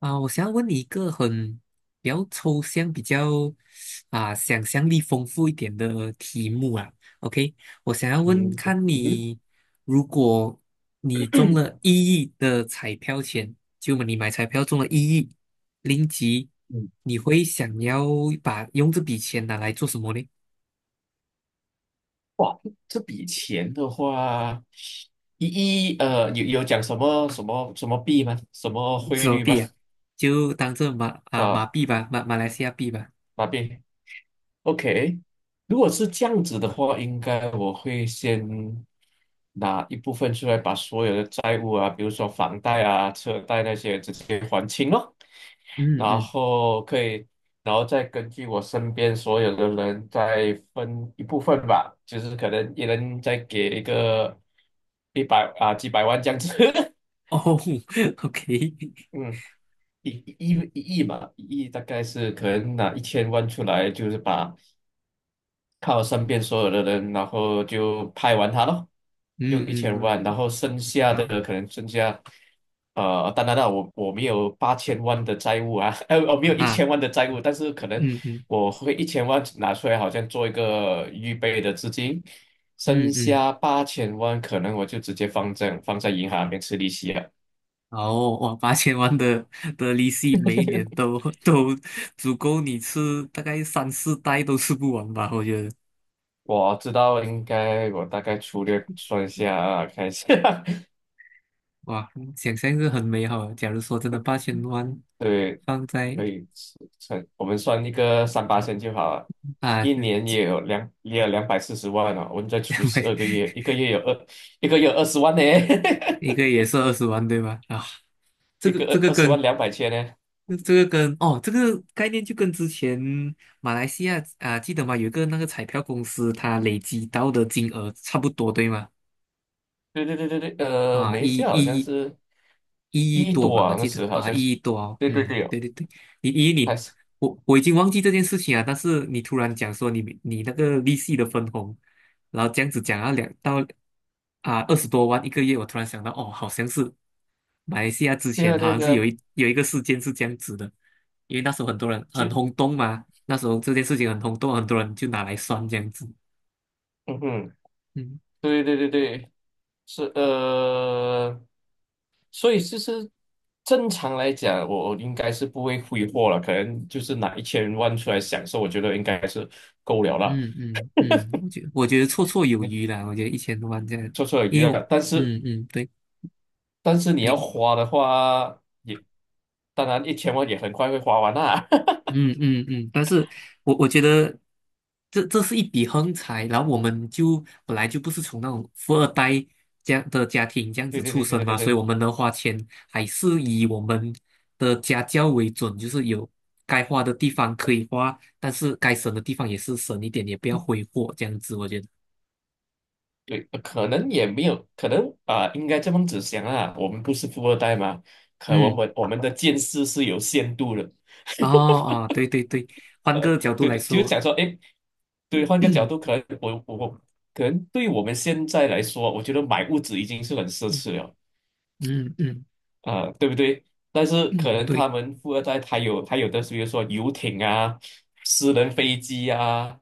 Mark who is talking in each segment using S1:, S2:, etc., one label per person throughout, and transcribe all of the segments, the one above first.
S1: 啊，我想要问你一个比较抽象、比较想象力丰富一点的题目啊。OK，我想要问
S2: 嗯。
S1: 看
S2: 嗯。
S1: 你，如果你中
S2: 哼。
S1: 了 一亿的彩票钱，就你买彩票中了1亿零吉，
S2: 嗯。
S1: 你会想要用这笔钱拿来做什么呢？
S2: 哇，这笔钱的话，一一呃，有讲什么币吗？什么汇
S1: 手
S2: 率吗？
S1: 币啊，就当这
S2: 啊，
S1: 马币吧，马来西亚币吧。
S2: 马币？OK，如果是这样子的话，应该我会先拿一部分出来，把所有的债务啊，比如说房贷啊、车贷那些直接还清咯。
S1: 嗯
S2: 然
S1: 嗯，
S2: 后可以，然后再根据我身边所有的人再分一部分吧，就是可能一人再给一个一百啊几百万这样子。
S1: 哦 ，OK，
S2: 嗯。一亿嘛，一亿大概是可能拿一千万出来，就是把靠身边所有的人，然后就拍完它咯，用
S1: 嗯
S2: 一
S1: 嗯，
S2: 千
S1: 嗯
S2: 万，然后剩下
S1: 好
S2: 的可能剩下，当然了，我没有八千万的债务啊。我没有一
S1: 啊，
S2: 千万的债务，但是可能
S1: 嗯嗯。
S2: 我会一千万拿出来，好像做一个预备的资金，剩
S1: 嗯嗯，
S2: 下八千万，可能我就直接放在银行里面吃利息啊。
S1: 哦，哇，八千万的利息，每一年 都足够你吃大概三四代都吃不完吧？我觉得，
S2: 我知道应该，我大概粗略算一下啊，看一下。
S1: 哇，想象是很美好的。假如说真的八千万
S2: 对。
S1: 放在
S2: 可以算，我们算一个三八线就好了。
S1: 啊，
S2: 一
S1: 嗯
S2: 年也有240万哦，我们再除 十
S1: 每
S2: 二个月，一个月二十万呢。
S1: 一个也是20万对吧？啊，这
S2: 一
S1: 个
S2: 个
S1: 这
S2: 二
S1: 个
S2: 二十万
S1: 跟
S2: 两百千呢。
S1: 这个跟哦，这个概念就跟之前马来西亚啊，记得吗？有一个那个彩票公司，它累积到的金额差不多对吗？
S2: 对对对对对，
S1: 啊，
S2: 没事，好像是
S1: 一亿
S2: 一
S1: 多
S2: 多
S1: 吧，我
S2: 啊，那
S1: 记得
S2: 时好
S1: 啊，
S2: 像是，
S1: 一亿多哦，
S2: 对对
S1: 嗯，
S2: 对
S1: 对
S2: 哦，
S1: 对对，你一
S2: 还
S1: 你
S2: 是
S1: 我已经忘记这件事情啊，但是你突然讲说你那个利息的分红，然后这样子讲两到20多万一个月，我突然想到哦，好像是马来西亚之
S2: 对
S1: 前
S2: 啊
S1: 好
S2: 对啊
S1: 像是
S2: 对啊，
S1: 有一个事件是这样子的，因为那时候很多人很
S2: 就
S1: 轰动嘛，那时候这件事情很轰动，很多人就拿来算这样子，
S2: 嗯哼。
S1: 嗯
S2: 对对对对，是。所以其实正常来讲，我应该是不会挥霍了，可能就是拿一千万出来享受，我觉得应该是够了啦。
S1: 嗯嗯嗯，我觉得绰绰有
S2: 你
S1: 余啦，我觉得1000多万这样，
S2: 绰绰有
S1: 因
S2: 余
S1: 为
S2: 了，
S1: 我。
S2: 但是
S1: 嗯嗯，对。
S2: 但是你要
S1: 你
S2: 花的话，也当然一千万也很快会花完啦。
S1: 嗯嗯嗯，但是我觉得这是一笔横财，然后我们就本来就不是从那种富二代这样的家庭这样
S2: 对
S1: 子
S2: 对
S1: 出
S2: 对
S1: 生
S2: 对对
S1: 嘛，所以
S2: 对
S1: 我们能花钱还是以我们的家教为准，就是有该花的地方可以花，但是该省的地方也是省一点，也不要挥霍这样子，我觉得，
S2: 对，可能也没有，可能啊、应该这么子想啊，我们不是富二代嘛，可我
S1: 嗯，
S2: 们我们的见识是有限度的。
S1: 哦哦，对对对，换
S2: 呃，
S1: 个角度
S2: 对
S1: 来
S2: 对，就是
S1: 说，
S2: 想说，哎，对，换 个角
S1: 嗯
S2: 度，可能我可能对我们现在来说，我觉得买屋子已经是很奢侈了
S1: 嗯嗯
S2: 啊、对不对？但是可
S1: 嗯，
S2: 能他
S1: 对。
S2: 们富二代他有的，比如说游艇啊、私人飞机啊，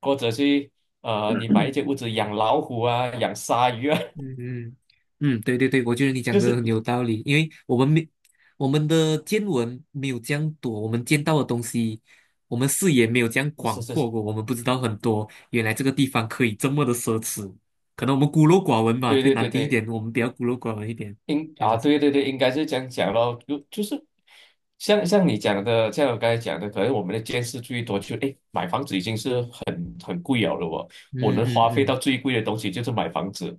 S2: 或者是你买一间 屋子养老虎啊、养鲨鱼啊。
S1: 嗯嗯嗯，嗯对对对，我觉得你 讲的
S2: 是
S1: 很有道理，因为我们的见闻没有这样多，我们见到的东西，我们视野没有这样
S2: 是
S1: 广
S2: 是
S1: 阔
S2: 是，
S1: 过，我们不知道很多，原来这个地方可以这么的奢侈，可能我们孤陋寡闻吧，
S2: 对
S1: 可以
S2: 对
S1: 难
S2: 对
S1: 听一
S2: 对，
S1: 点，我们比较孤陋寡闻一点，这样子。
S2: 对对对，应该是这样讲咯，就是像你讲的，像我刚才讲的，可能我们的见识最多就诶，买房子已经是很贵了哦，我
S1: 嗯
S2: 能
S1: 嗯
S2: 花费到
S1: 嗯，
S2: 最贵的东西就是买房子，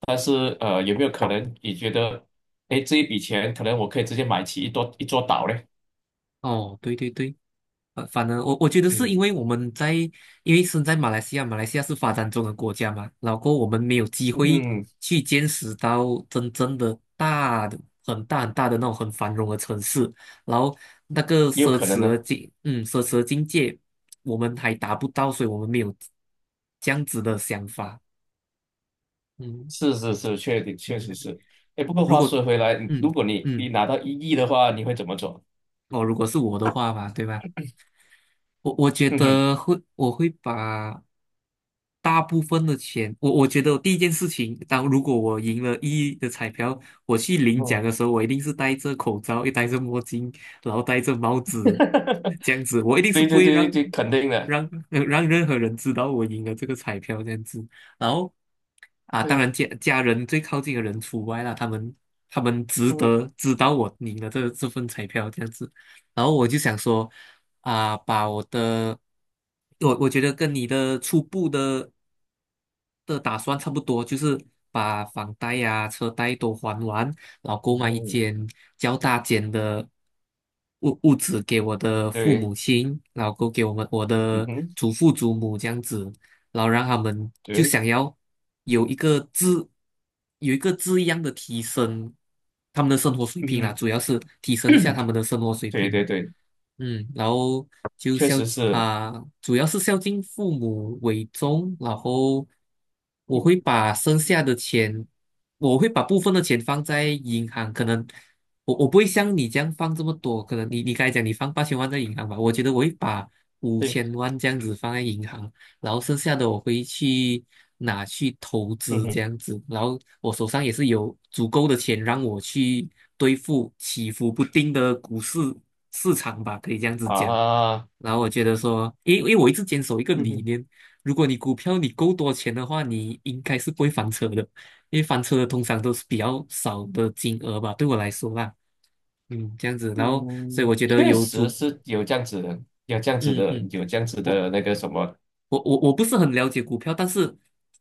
S2: 但是有没有可能你觉得，诶，这一笔钱可能我可以直接买起一座岛嘞？
S1: 哦，对对对。反正我觉得是因
S2: 嗯
S1: 为我们在，因为身在马来西亚，马来西亚是发展中的国家嘛，然后我们没有机会
S2: 嗯，
S1: 去见识到真正的大的、很大很大的那种很繁荣的城市，然后那个
S2: 也有
S1: 奢
S2: 可能
S1: 侈的
S2: 呢，
S1: 境，嗯，奢侈的境界，我们还达不到，所以我们没有这样子的想法，嗯，
S2: 是是是，确
S1: 明
S2: 实
S1: 白。
S2: 是，哎，不过
S1: 如
S2: 话
S1: 果，
S2: 说回来，
S1: 嗯
S2: 如果你
S1: 嗯，
S2: 拿到一亿的话，你会怎么做？
S1: 哦，如果是我的话吧，对吧？我觉
S2: 哼哼。
S1: 得会，我会把。大部分的钱，我觉得我第一件事情，当如果我赢了一亿的彩票，我去领
S2: 嗯。
S1: 奖的时候，我一定是戴着口罩，又戴着墨镜，然后戴着帽 子，这样子，我一定是
S2: 对
S1: 不
S2: 对对
S1: 会
S2: 对对，肯定的，
S1: 让让任何人知道我赢了这个彩票这样子。然后啊，当
S2: 对，
S1: 然家人最靠近的人除外啦，他们他们值
S2: 嗯
S1: 得知道我赢了这份彩票这样子。然后我就想说。啊，把我的，我觉得跟你的初步的打算差不多，就是把房贷呀、车贷都还完，然后购买一
S2: 嗯
S1: 间较大间的屋子给我的父
S2: 对，
S1: 母亲，然后够给我
S2: 嗯
S1: 的
S2: 哼，
S1: 祖父祖母这样子，然后让他们就
S2: 对，
S1: 想要有一个质有一个质一样的提升，他们的生活水平啦，
S2: 嗯，
S1: 主要是提升一下他 们的生活水
S2: 对
S1: 平。
S2: 对对，
S1: 嗯，然后就
S2: 确
S1: 孝
S2: 实是，
S1: 啊，主要是孝敬父母为重，然后我
S2: 嗯，
S1: 会把剩下的钱，我会把部分的钱放在银行，可能我不会像你这样放这么多，可能你刚才讲你放八千万在银行吧，我觉得我会把五
S2: 对，
S1: 千万这样子放在银行，然后剩下的我会去拿去投
S2: 嗯
S1: 资这
S2: 哼，
S1: 样子，然后我手上也是有足够的钱让我去对付起伏不定的股市市场吧，可以这样子讲。
S2: 啊，
S1: 然后我觉得说，因为我一直坚守一个
S2: 嗯
S1: 理
S2: 哼，
S1: 念，如果你股票你够多钱的话，你应该是不会翻车的，因为翻车的通常都是比较少的金额吧，对我来说啦，嗯，这样子，然后所以
S2: 嗯，
S1: 我觉得
S2: 确
S1: 有
S2: 实
S1: 足，
S2: 是有这样子的，有这样子
S1: 嗯
S2: 的，
S1: 嗯。
S2: 有这样子
S1: 我。
S2: 的那个什么，
S1: 我不是很了解股票，但是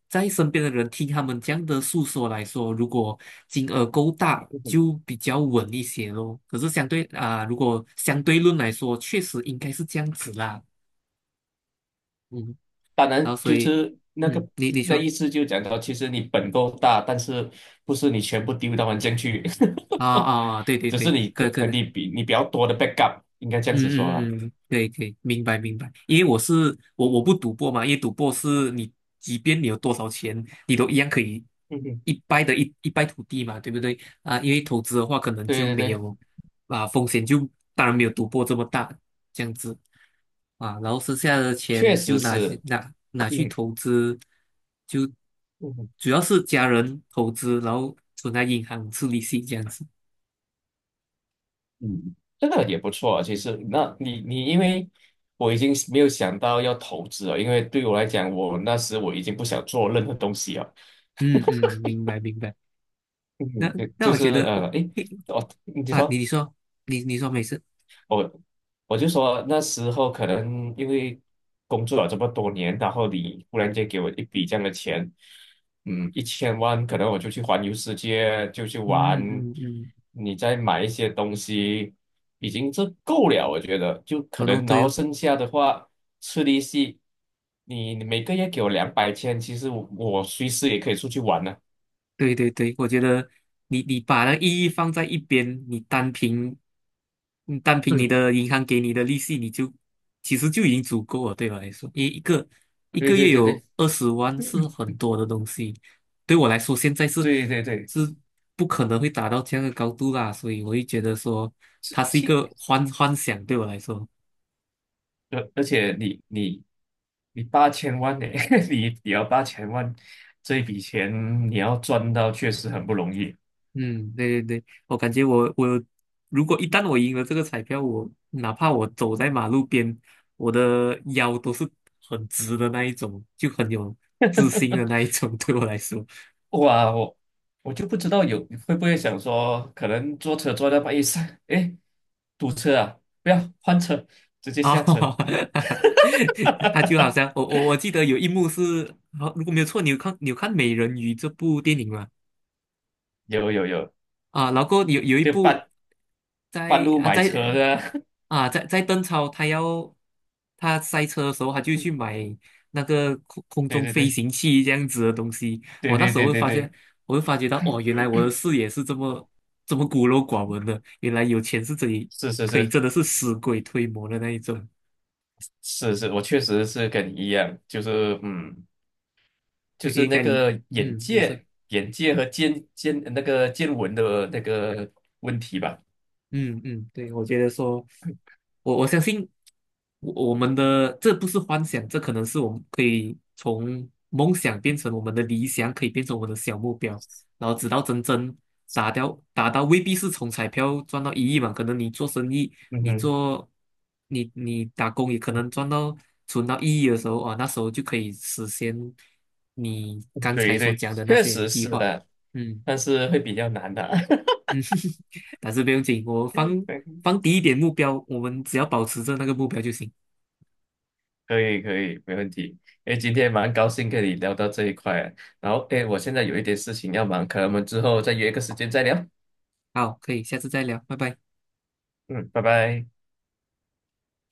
S1: 在身边的人听他们这样的诉说来说，如果金额够大，
S2: 嗯哼，
S1: 就比较稳一些咯。可是相对啊、如果相对论来说，确实应该是这样子啦。嗯，
S2: 当
S1: 然
S2: 然
S1: 后所
S2: 就
S1: 以，
S2: 是
S1: 嗯，你
S2: 那
S1: 说
S2: 意思就讲到，其实你本够大，但是不是你全部丢到环境去。
S1: 啊对 对
S2: 只是
S1: 对，可可能。
S2: 你比较多的 backup，应该这样子说啦。
S1: 嗯嗯嗯，可以可以，明白明白。因为我是我我不赌博嘛，因为赌博是你即便你有多少钱，你都一样可以
S2: 嗯哼，
S1: 一败涂地嘛，对不对？啊，因为投资的话，可能
S2: 对
S1: 就
S2: 对
S1: 没
S2: 对。
S1: 有啊风险就当然没有赌博这么大这样子啊，然后剩下的
S2: 确
S1: 钱
S2: 实
S1: 就
S2: 是
S1: 拿 去
S2: 嗯
S1: 投资，就
S2: 嗯
S1: 主要是家人投资，然后存在银行吃利息这样子。
S2: 嗯，这个也不错啊。其实，那你因为我已经没有想到要投资了，因为对我来讲，我那时我已经不想做任何东西了。
S1: 嗯嗯，明白明白。那
S2: 嗯，就
S1: 那我觉得我。
S2: 诶，哦，你
S1: 啊，你
S2: 说。
S1: 你说，你说没事，
S2: 我我就说那时候可能因为工作了这么多年，然后你忽然间给我一笔这样的钱，嗯，一千万，可能我就去环游世界，就去
S1: 嗯
S2: 玩，
S1: 嗯嗯，
S2: 你再买一些东西，已经这够了，我觉得就可
S1: 哦，都
S2: 能，然
S1: 对
S2: 后
S1: 哦，
S2: 剩下的话吃利息，你每个月给我两百千，其实我随时也可以出去玩呢。
S1: 对对对，我觉得你把那个意义放在一边，你单凭你
S2: 嗯，
S1: 的银行给你的利息，你就其实就已经足够了，对我来说，一
S2: 对
S1: 个
S2: 对
S1: 月
S2: 对
S1: 有
S2: 对，
S1: 二十万是很 多的东西，对我来说现在是
S2: 对对对，
S1: 是不可能会达到这样的高度啦，所以我会觉得说
S2: 是，
S1: 它是一个幻想，对我来说。
S2: 而且你八千万呢。你要8000万，这一笔钱你要赚到确实很不容易。
S1: 嗯，对对对，我感觉如果一旦我赢了这个彩票，我哪怕我走在马路边，我的腰都是很直的那一种，就很有自信的那一种 对我来说。
S2: 哇，我就不知道有会不会想说，可能坐车坐到半夜三，哎，堵车啊，不要换车，直接下车。
S1: 哦，他就好像 我记得有一幕是，好，如果没有错，你有看《美人鱼》这部电影吗？
S2: 有有有，
S1: 啊，然后有有一
S2: 就
S1: 部
S2: 半
S1: 在
S2: 路
S1: 啊
S2: 买车
S1: 在
S2: 的。
S1: 啊在在邓超他要他塞车的时候，他就
S2: 嗯，
S1: 去买那个空空
S2: 对
S1: 中
S2: 对
S1: 飞
S2: 对
S1: 行器这样子的东西。
S2: 对
S1: 我那
S2: 对
S1: 时候
S2: 对
S1: 会
S2: 对
S1: 发
S2: 对，
S1: 现，我会发觉到哦，原来我的 视野是这么孤陋寡闻的，原来有钱是这里
S2: 是是
S1: 可以
S2: 是
S1: 真的是死鬼推磨的那一种。
S2: 是是，我确实是跟你一样，就是嗯。就是
S1: 应
S2: 那
S1: 该你
S2: 个眼
S1: 嗯，你说
S2: 界、眼界和见那个见闻的那个问题吧。
S1: 嗯嗯，对，我觉得说。我相信我们的这不是幻想，这可能是我们可以从梦想变成我们的理想，可以变成我们的小目标，然后直到真正达到，未必是从彩票赚到一亿嘛，可能你做生意，
S2: 嗯
S1: 你
S2: 哼，
S1: 做你你打工也可能
S2: 嗯
S1: 赚到存到一亿的时候啊，那时候就可以实现你刚才
S2: 对
S1: 所
S2: 对，
S1: 讲的那
S2: 确
S1: 些
S2: 实
S1: 计
S2: 是
S1: 划，
S2: 的，
S1: 嗯
S2: 但是会比较难的。
S1: 嗯，但是不用紧，我放低一点目标，我们只要保持着那个目标就行。
S2: 可以可以，没问题。哎，今天蛮高兴跟你聊到这一块，然后哎，诶我现在有一点事情要忙，可能我们之后再约一个时间再聊。
S1: 好，可以，下次再聊，拜拜。
S2: 嗯，拜拜。